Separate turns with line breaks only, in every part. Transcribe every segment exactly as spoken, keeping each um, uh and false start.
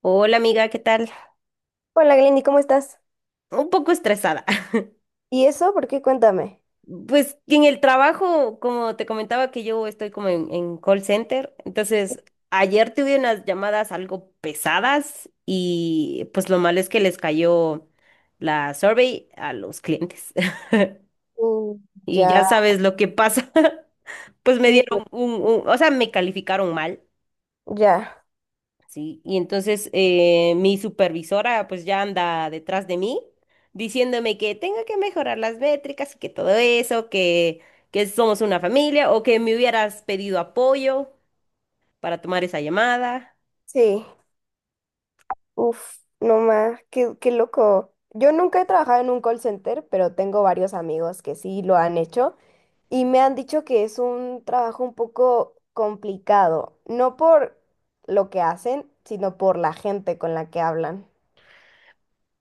Hola amiga, ¿qué tal?
Hola Glenny, ¿cómo estás?
Un poco estresada.
¿Y eso? ¿Por qué? Cuéntame.
Pues en el trabajo, como te comentaba que yo estoy como en, en call center, entonces ayer tuve unas llamadas algo pesadas y pues lo malo es que les cayó la survey a los clientes.
Mm,
Y
ya,
ya sabes lo que pasa. Pues me
sí.
dieron un, un- o sea, me calificaron mal.
Ya,
Sí, y entonces eh, mi supervisora pues ya anda detrás de mí diciéndome que tengo que mejorar las métricas y que todo eso, que, que somos una familia o que me hubieras pedido apoyo para tomar esa llamada.
sí. Uf, no más, qué, qué loco. Yo nunca he trabajado en un call center, pero tengo varios amigos que sí lo han hecho y me han dicho que es un trabajo un poco complicado, no por lo que hacen, sino por la gente con la que hablan.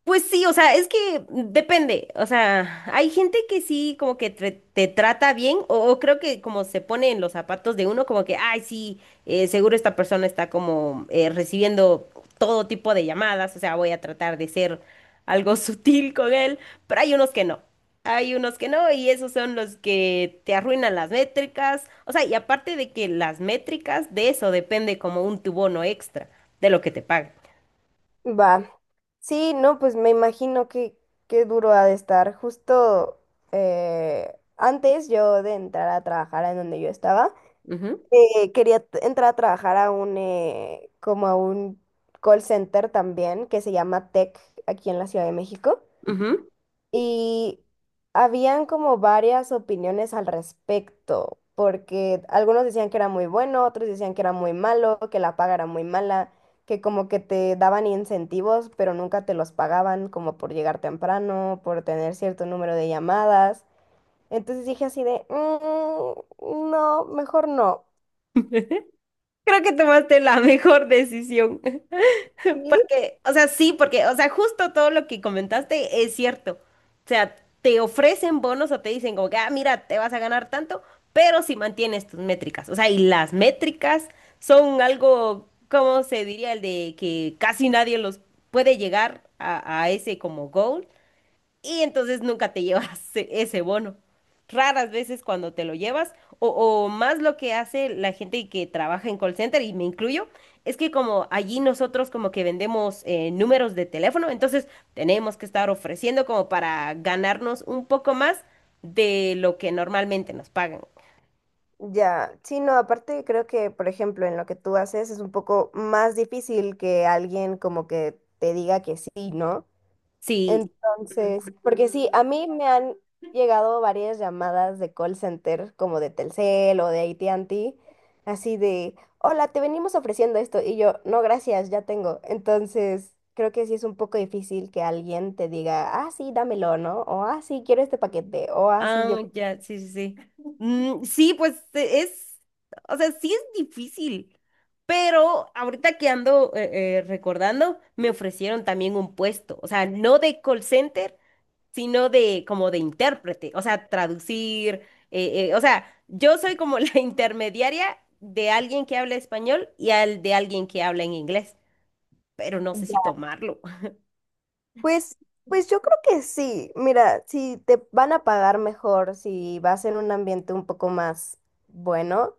Pues sí, o sea, es que depende, o sea, hay gente que sí como que tre- te, trata bien o, o creo que como se pone en los zapatos de uno como que, ay, sí, eh, seguro esta persona está como eh, recibiendo todo tipo de llamadas, o sea, voy a tratar de ser algo sutil con él, pero hay unos que no, hay unos que no y esos son los que te arruinan las métricas, o sea, y aparte de que las métricas de eso depende como un tu bono extra de lo que te pagan.
Va. Sí, no, pues me imagino que qué duro ha de estar. Justo eh, antes yo de entrar a trabajar en donde yo estaba,
Ujú,
eh, quería t- entrar a trabajar a un eh, como a un call center también que se llama Tech aquí en la Ciudad de México.
ujú.
Y habían como varias opiniones al respecto, porque algunos decían que era muy bueno, otros decían que era muy malo, que la paga era muy mala, que como que te daban incentivos, pero nunca te los pagaban, como por llegar temprano, por tener cierto número de llamadas. Entonces dije así de, "Mm, no, mejor no".
Creo que tomaste la mejor decisión.
¿Sí?
O sea, sí, porque, o sea, justo todo lo que comentaste es cierto. O sea, te ofrecen bonos o te dicen como que, ah, mira, te vas a ganar tanto, pero si mantienes tus métricas. O sea, y las métricas son algo, ¿cómo se diría? El de que casi nadie los puede llegar a, a ese como goal, y entonces nunca te llevas e- ese bono. Raras veces cuando te lo llevas, o, o más lo que hace la gente que trabaja en call center, y me incluyo, es que como allí nosotros como que vendemos eh, números de teléfono, entonces tenemos que estar ofreciendo como para ganarnos un poco más de lo que normalmente nos pagan.
Ya, sí, no, aparte creo que, por ejemplo, en lo que tú haces es un poco más difícil que alguien como que te diga que sí, ¿no?
Sí, ujú.
Entonces, porque sí, a mí me han llegado varias llamadas de call center, como de Telcel o de A T and T, así de, hola, te venimos ofreciendo esto. Y yo, no, gracias, ya tengo. Entonces, creo que sí es un poco difícil que alguien te diga, ah, sí, dámelo, ¿no? O, ah, sí, quiero este paquete. O, ah, sí, yo.
Ah, ya, sí, sí, sí. Mm, sí, pues e- es, o sea, sí es difícil, pero ahorita que ando eh, eh, recordando, me ofrecieron también un puesto, o sea, no de call center, sino de como de intérprete, o sea, traducir, eh, eh, o sea, yo soy como la intermediaria de alguien que habla español y al de alguien que habla en inglés, pero no sé si tomarlo.
Pues, pues yo creo que sí. Mira, si te van a pagar mejor, si vas en un ambiente un poco más bueno,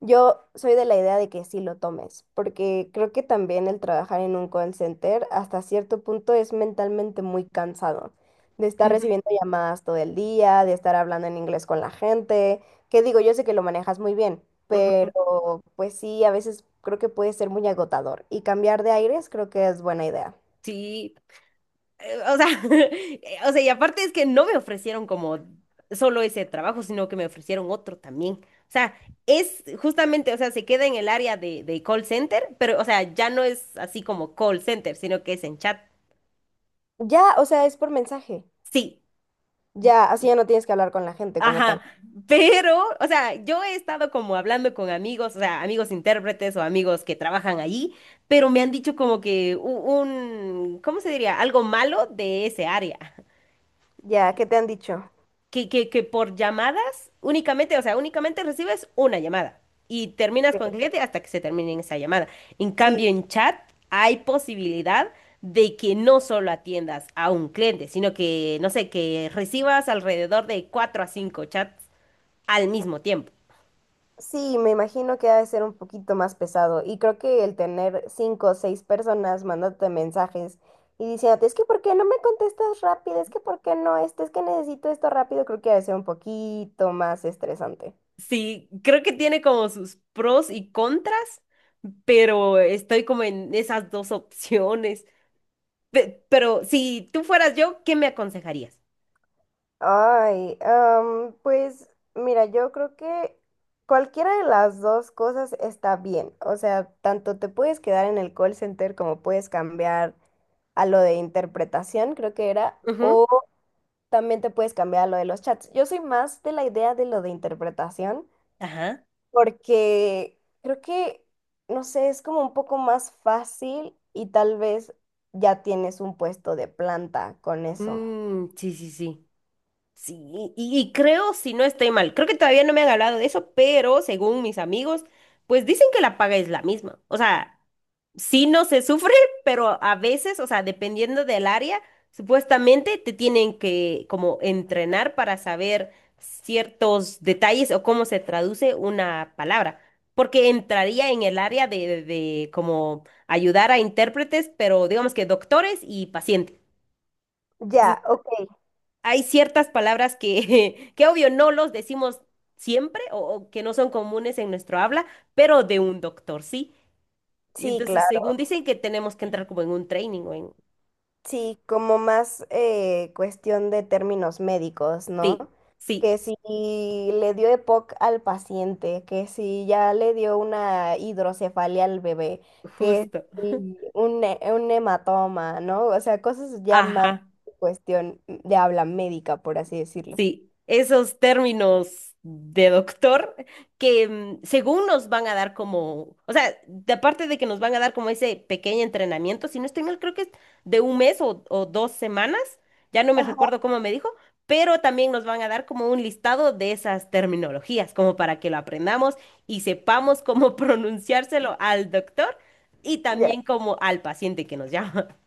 yo soy de la idea de que sí lo tomes, porque creo que también el trabajar en un call center hasta cierto punto es mentalmente muy cansado, de estar
Ujú,
recibiendo llamadas todo el día, de estar hablando en inglés con la gente, que digo, yo sé que lo manejas muy bien,
ujú.
pero pues sí, a veces creo que puede ser muy agotador y cambiar de aires creo que es buena idea.
Sí. eh, o sea, o sea, y aparte es que no me ofrecieron como solo ese trabajo, sino que me ofrecieron otro también. O sea, es justamente, o sea, se queda en el área de, de call center, pero, o sea, ya no es así como call center, sino que es en chat.
Ya, o sea, es por mensaje.
Sí.
Ya, así ya no tienes que hablar con la gente como
Ajá,
tal.
pero, o sea, yo he estado como hablando con amigos, o sea, amigos intérpretes o amigos que trabajan allí, pero me han dicho como que u- un, ¿cómo se diría? Algo malo de ese área.
Ya, ¿qué te han dicho?
que, que, que por llamadas únicamente, o sea, únicamente recibes una llamada y terminas
Ok.
con el cliente hasta que se termine esa llamada. En
Sí,
cambio, en chat hay posibilidad de que no solo atiendas a un cliente, sino que, no sé, que recibas alrededor de cuatro a cinco chats al mismo tiempo.
sí, me imagino que ha de ser un poquito más pesado. Y creo que el tener cinco o seis personas mandándote mensajes y diciéndote, es que ¿por qué no me contestas rápido? Es que ¿por qué no? Esto es que necesito esto rápido, creo que ha de ser un poquito más estresante.
Sí, creo que tiene como sus pros y contras, pero estoy como en esas dos opciones. Pe- pero si tú fueras yo, ¿qué me aconsejarías?
Ay, am, pues mira, yo creo que cualquiera de las dos cosas está bien. O sea, tanto te puedes quedar en el call center como puedes cambiar a lo de interpretación, creo que era,
Ujú,
o también te puedes cambiar a lo de los chats. Yo soy más de la idea de lo de interpretación
ajá.
porque creo que, no sé, es como un poco más fácil y tal vez ya tienes un puesto de planta con eso.
Mm, sí, sí, sí. Sí, y, y creo, si no estoy mal, creo que todavía no me han hablado de eso, pero según mis amigos, pues dicen que la paga es la misma. O sea, sí no se sufre, pero a veces, o sea, dependiendo del área, supuestamente te tienen que como entrenar para saber ciertos detalles o cómo se traduce una palabra, porque entraría en el área de, de de como ayudar a intérpretes, pero digamos que doctores y pacientes.
Ya, ok.
Hay ciertas palabras que, que obvio no los decimos siempre o, o que no son comunes en nuestro habla, pero de un doctor sí. Y
Sí,
entonces,
claro.
según dicen que tenemos que entrar como en un training o en...
Sí, como más eh, cuestión de términos médicos, ¿no?
Sí, sí,
Que si le dio EPOC al paciente, que si ya le dio una hidrocefalia al bebé, que
justo.
si un, he- un hematoma, ¿no? O sea, cosas ya más
Ajá.
cuestión de habla médica, por así decirlo.
Sí, esos términos de doctor que mm, según nos van a dar como, o sea, de- aparte de que nos van a dar como ese pequeño entrenamiento, si no estoy mal, creo que es de un mes o, o dos semanas, ya no me
Ajá.
recuerdo cómo me dijo, pero también nos van a dar como un listado de esas terminologías, como para que lo aprendamos y sepamos cómo pronunciárselo al doctor y también como al paciente que nos llama.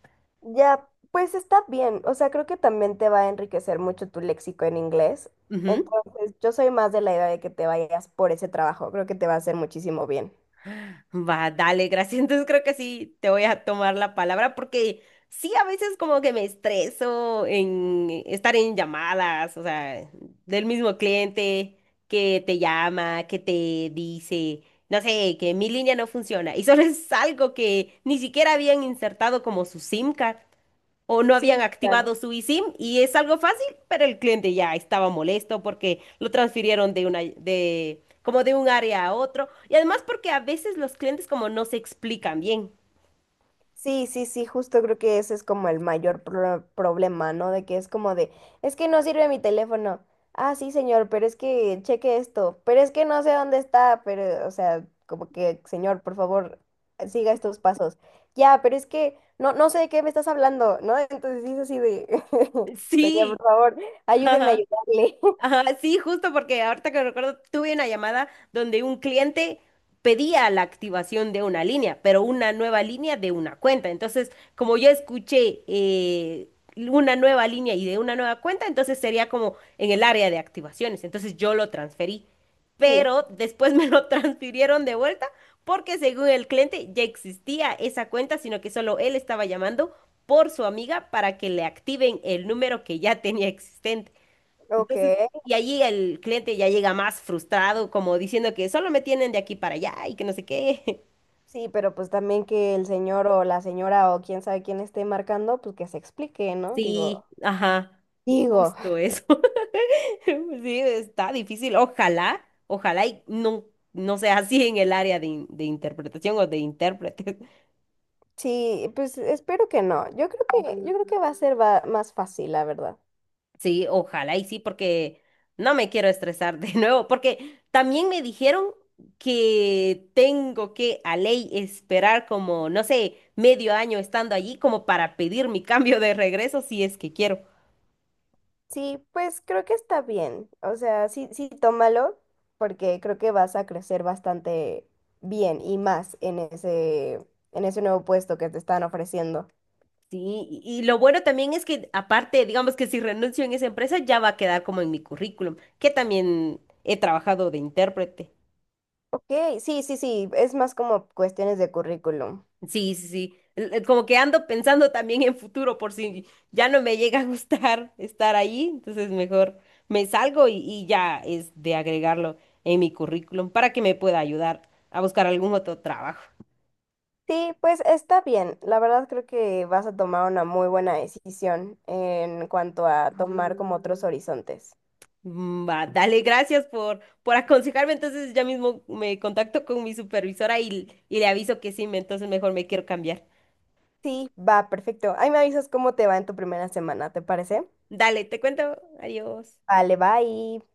Ya, pues está bien. O sea, creo que también te va a enriquecer mucho tu léxico en inglés. Entonces, yo soy más de la idea de que te vayas por ese trabajo. Creo que te va a hacer muchísimo bien.
Va, dale, gracias. Entonces creo que sí te voy a tomar la palabra porque sí, a veces como que me estreso en estar en llamadas, o sea, del mismo cliente que te llama, que te dice, no sé, que mi línea no funciona y solo es algo que ni siquiera habían insertado como su SIM card o no habían
Sí,
activado
claro.
su eSIM y es algo fácil, pero el cliente ya estaba molesto porque lo transfirieron de una de como de un área a otro y además porque a veces los clientes como no se explican bien.
Sí, sí, sí, justo creo que ese es como el mayor pro- problema, ¿no? De que es como de, es que no sirve mi teléfono. Ah, sí, señor, pero es que cheque esto, pero es que no sé dónde está, pero, o sea, como que, señor, por favor, siga estos pasos. Ya, pero es que no, no sé de qué me estás hablando, ¿no? Entonces sí es así de, señor,
Sí.
por favor, ayúdeme a
Ajá.
ayudarle.
Ajá, sí, justo porque ahorita que recuerdo, tuve una llamada donde un cliente pedía la activación de una línea, pero una nueva línea de una cuenta. Entonces, como yo escuché eh, una nueva línea y de una nueva cuenta, entonces sería como en el área de activaciones. Entonces yo lo transferí,
Sí,
pero después me lo transfirieron de vuelta porque según el cliente ya existía esa cuenta, sino que solo él estaba llamando por su amiga para que le activen el número que ya tenía existente.
ok.
Entonces, y allí el cliente ya llega más frustrado, como diciendo que solo me tienen de aquí para allá y que no sé qué.
Sí, pero pues también que el señor o la señora o quién sabe quién esté marcando, pues que se explique, ¿no? Digo.
Sí, ajá,
Digo.
justo eso. Sí, está difícil. Ojalá, ojalá y no, no sea así en el área de, in- de interpretación o de intérprete.
Sí, pues espero que no. Yo creo que, yo creo que va a ser va- más fácil, la verdad.
Sí, ojalá y sí, porque no me quiero estresar de nuevo, porque también me dijeron que tengo que a ley esperar como, no sé, medio año estando allí como para pedir mi cambio de regreso si es que quiero.
Sí, pues creo que está bien. O sea, sí, sí, tómalo, porque creo que vas a crecer bastante bien y más en ese, en ese nuevo puesto que te están ofreciendo.
Sí, y y lo bueno también es que aparte, digamos que si renuncio en esa empresa ya va a quedar como en mi currículum, que también he trabajado de intérprete.
Ok, sí, sí, sí, es más como cuestiones de currículum.
Sí, sí, sí. Eh, eh, Como que ando pensando también en futuro por si ya no me llega a gustar estar ahí, entonces mejor me salgo y, y ya es de agregarlo en mi currículum para que me pueda ayudar a buscar algún otro trabajo.
Sí, pues está bien. La verdad creo que vas a tomar una muy buena decisión en cuanto a tomar como otros horizontes.
Mm, va, dale, gracias por, por aconsejarme, entonces ya mismo me contacto con mi supervisora y, y le aviso que sí, me- entonces mejor me quiero cambiar.
Sí, va, perfecto. Ahí me avisas cómo te va en tu primera semana, ¿te parece?
Dale, te cuento, adiós.
Vale, bye.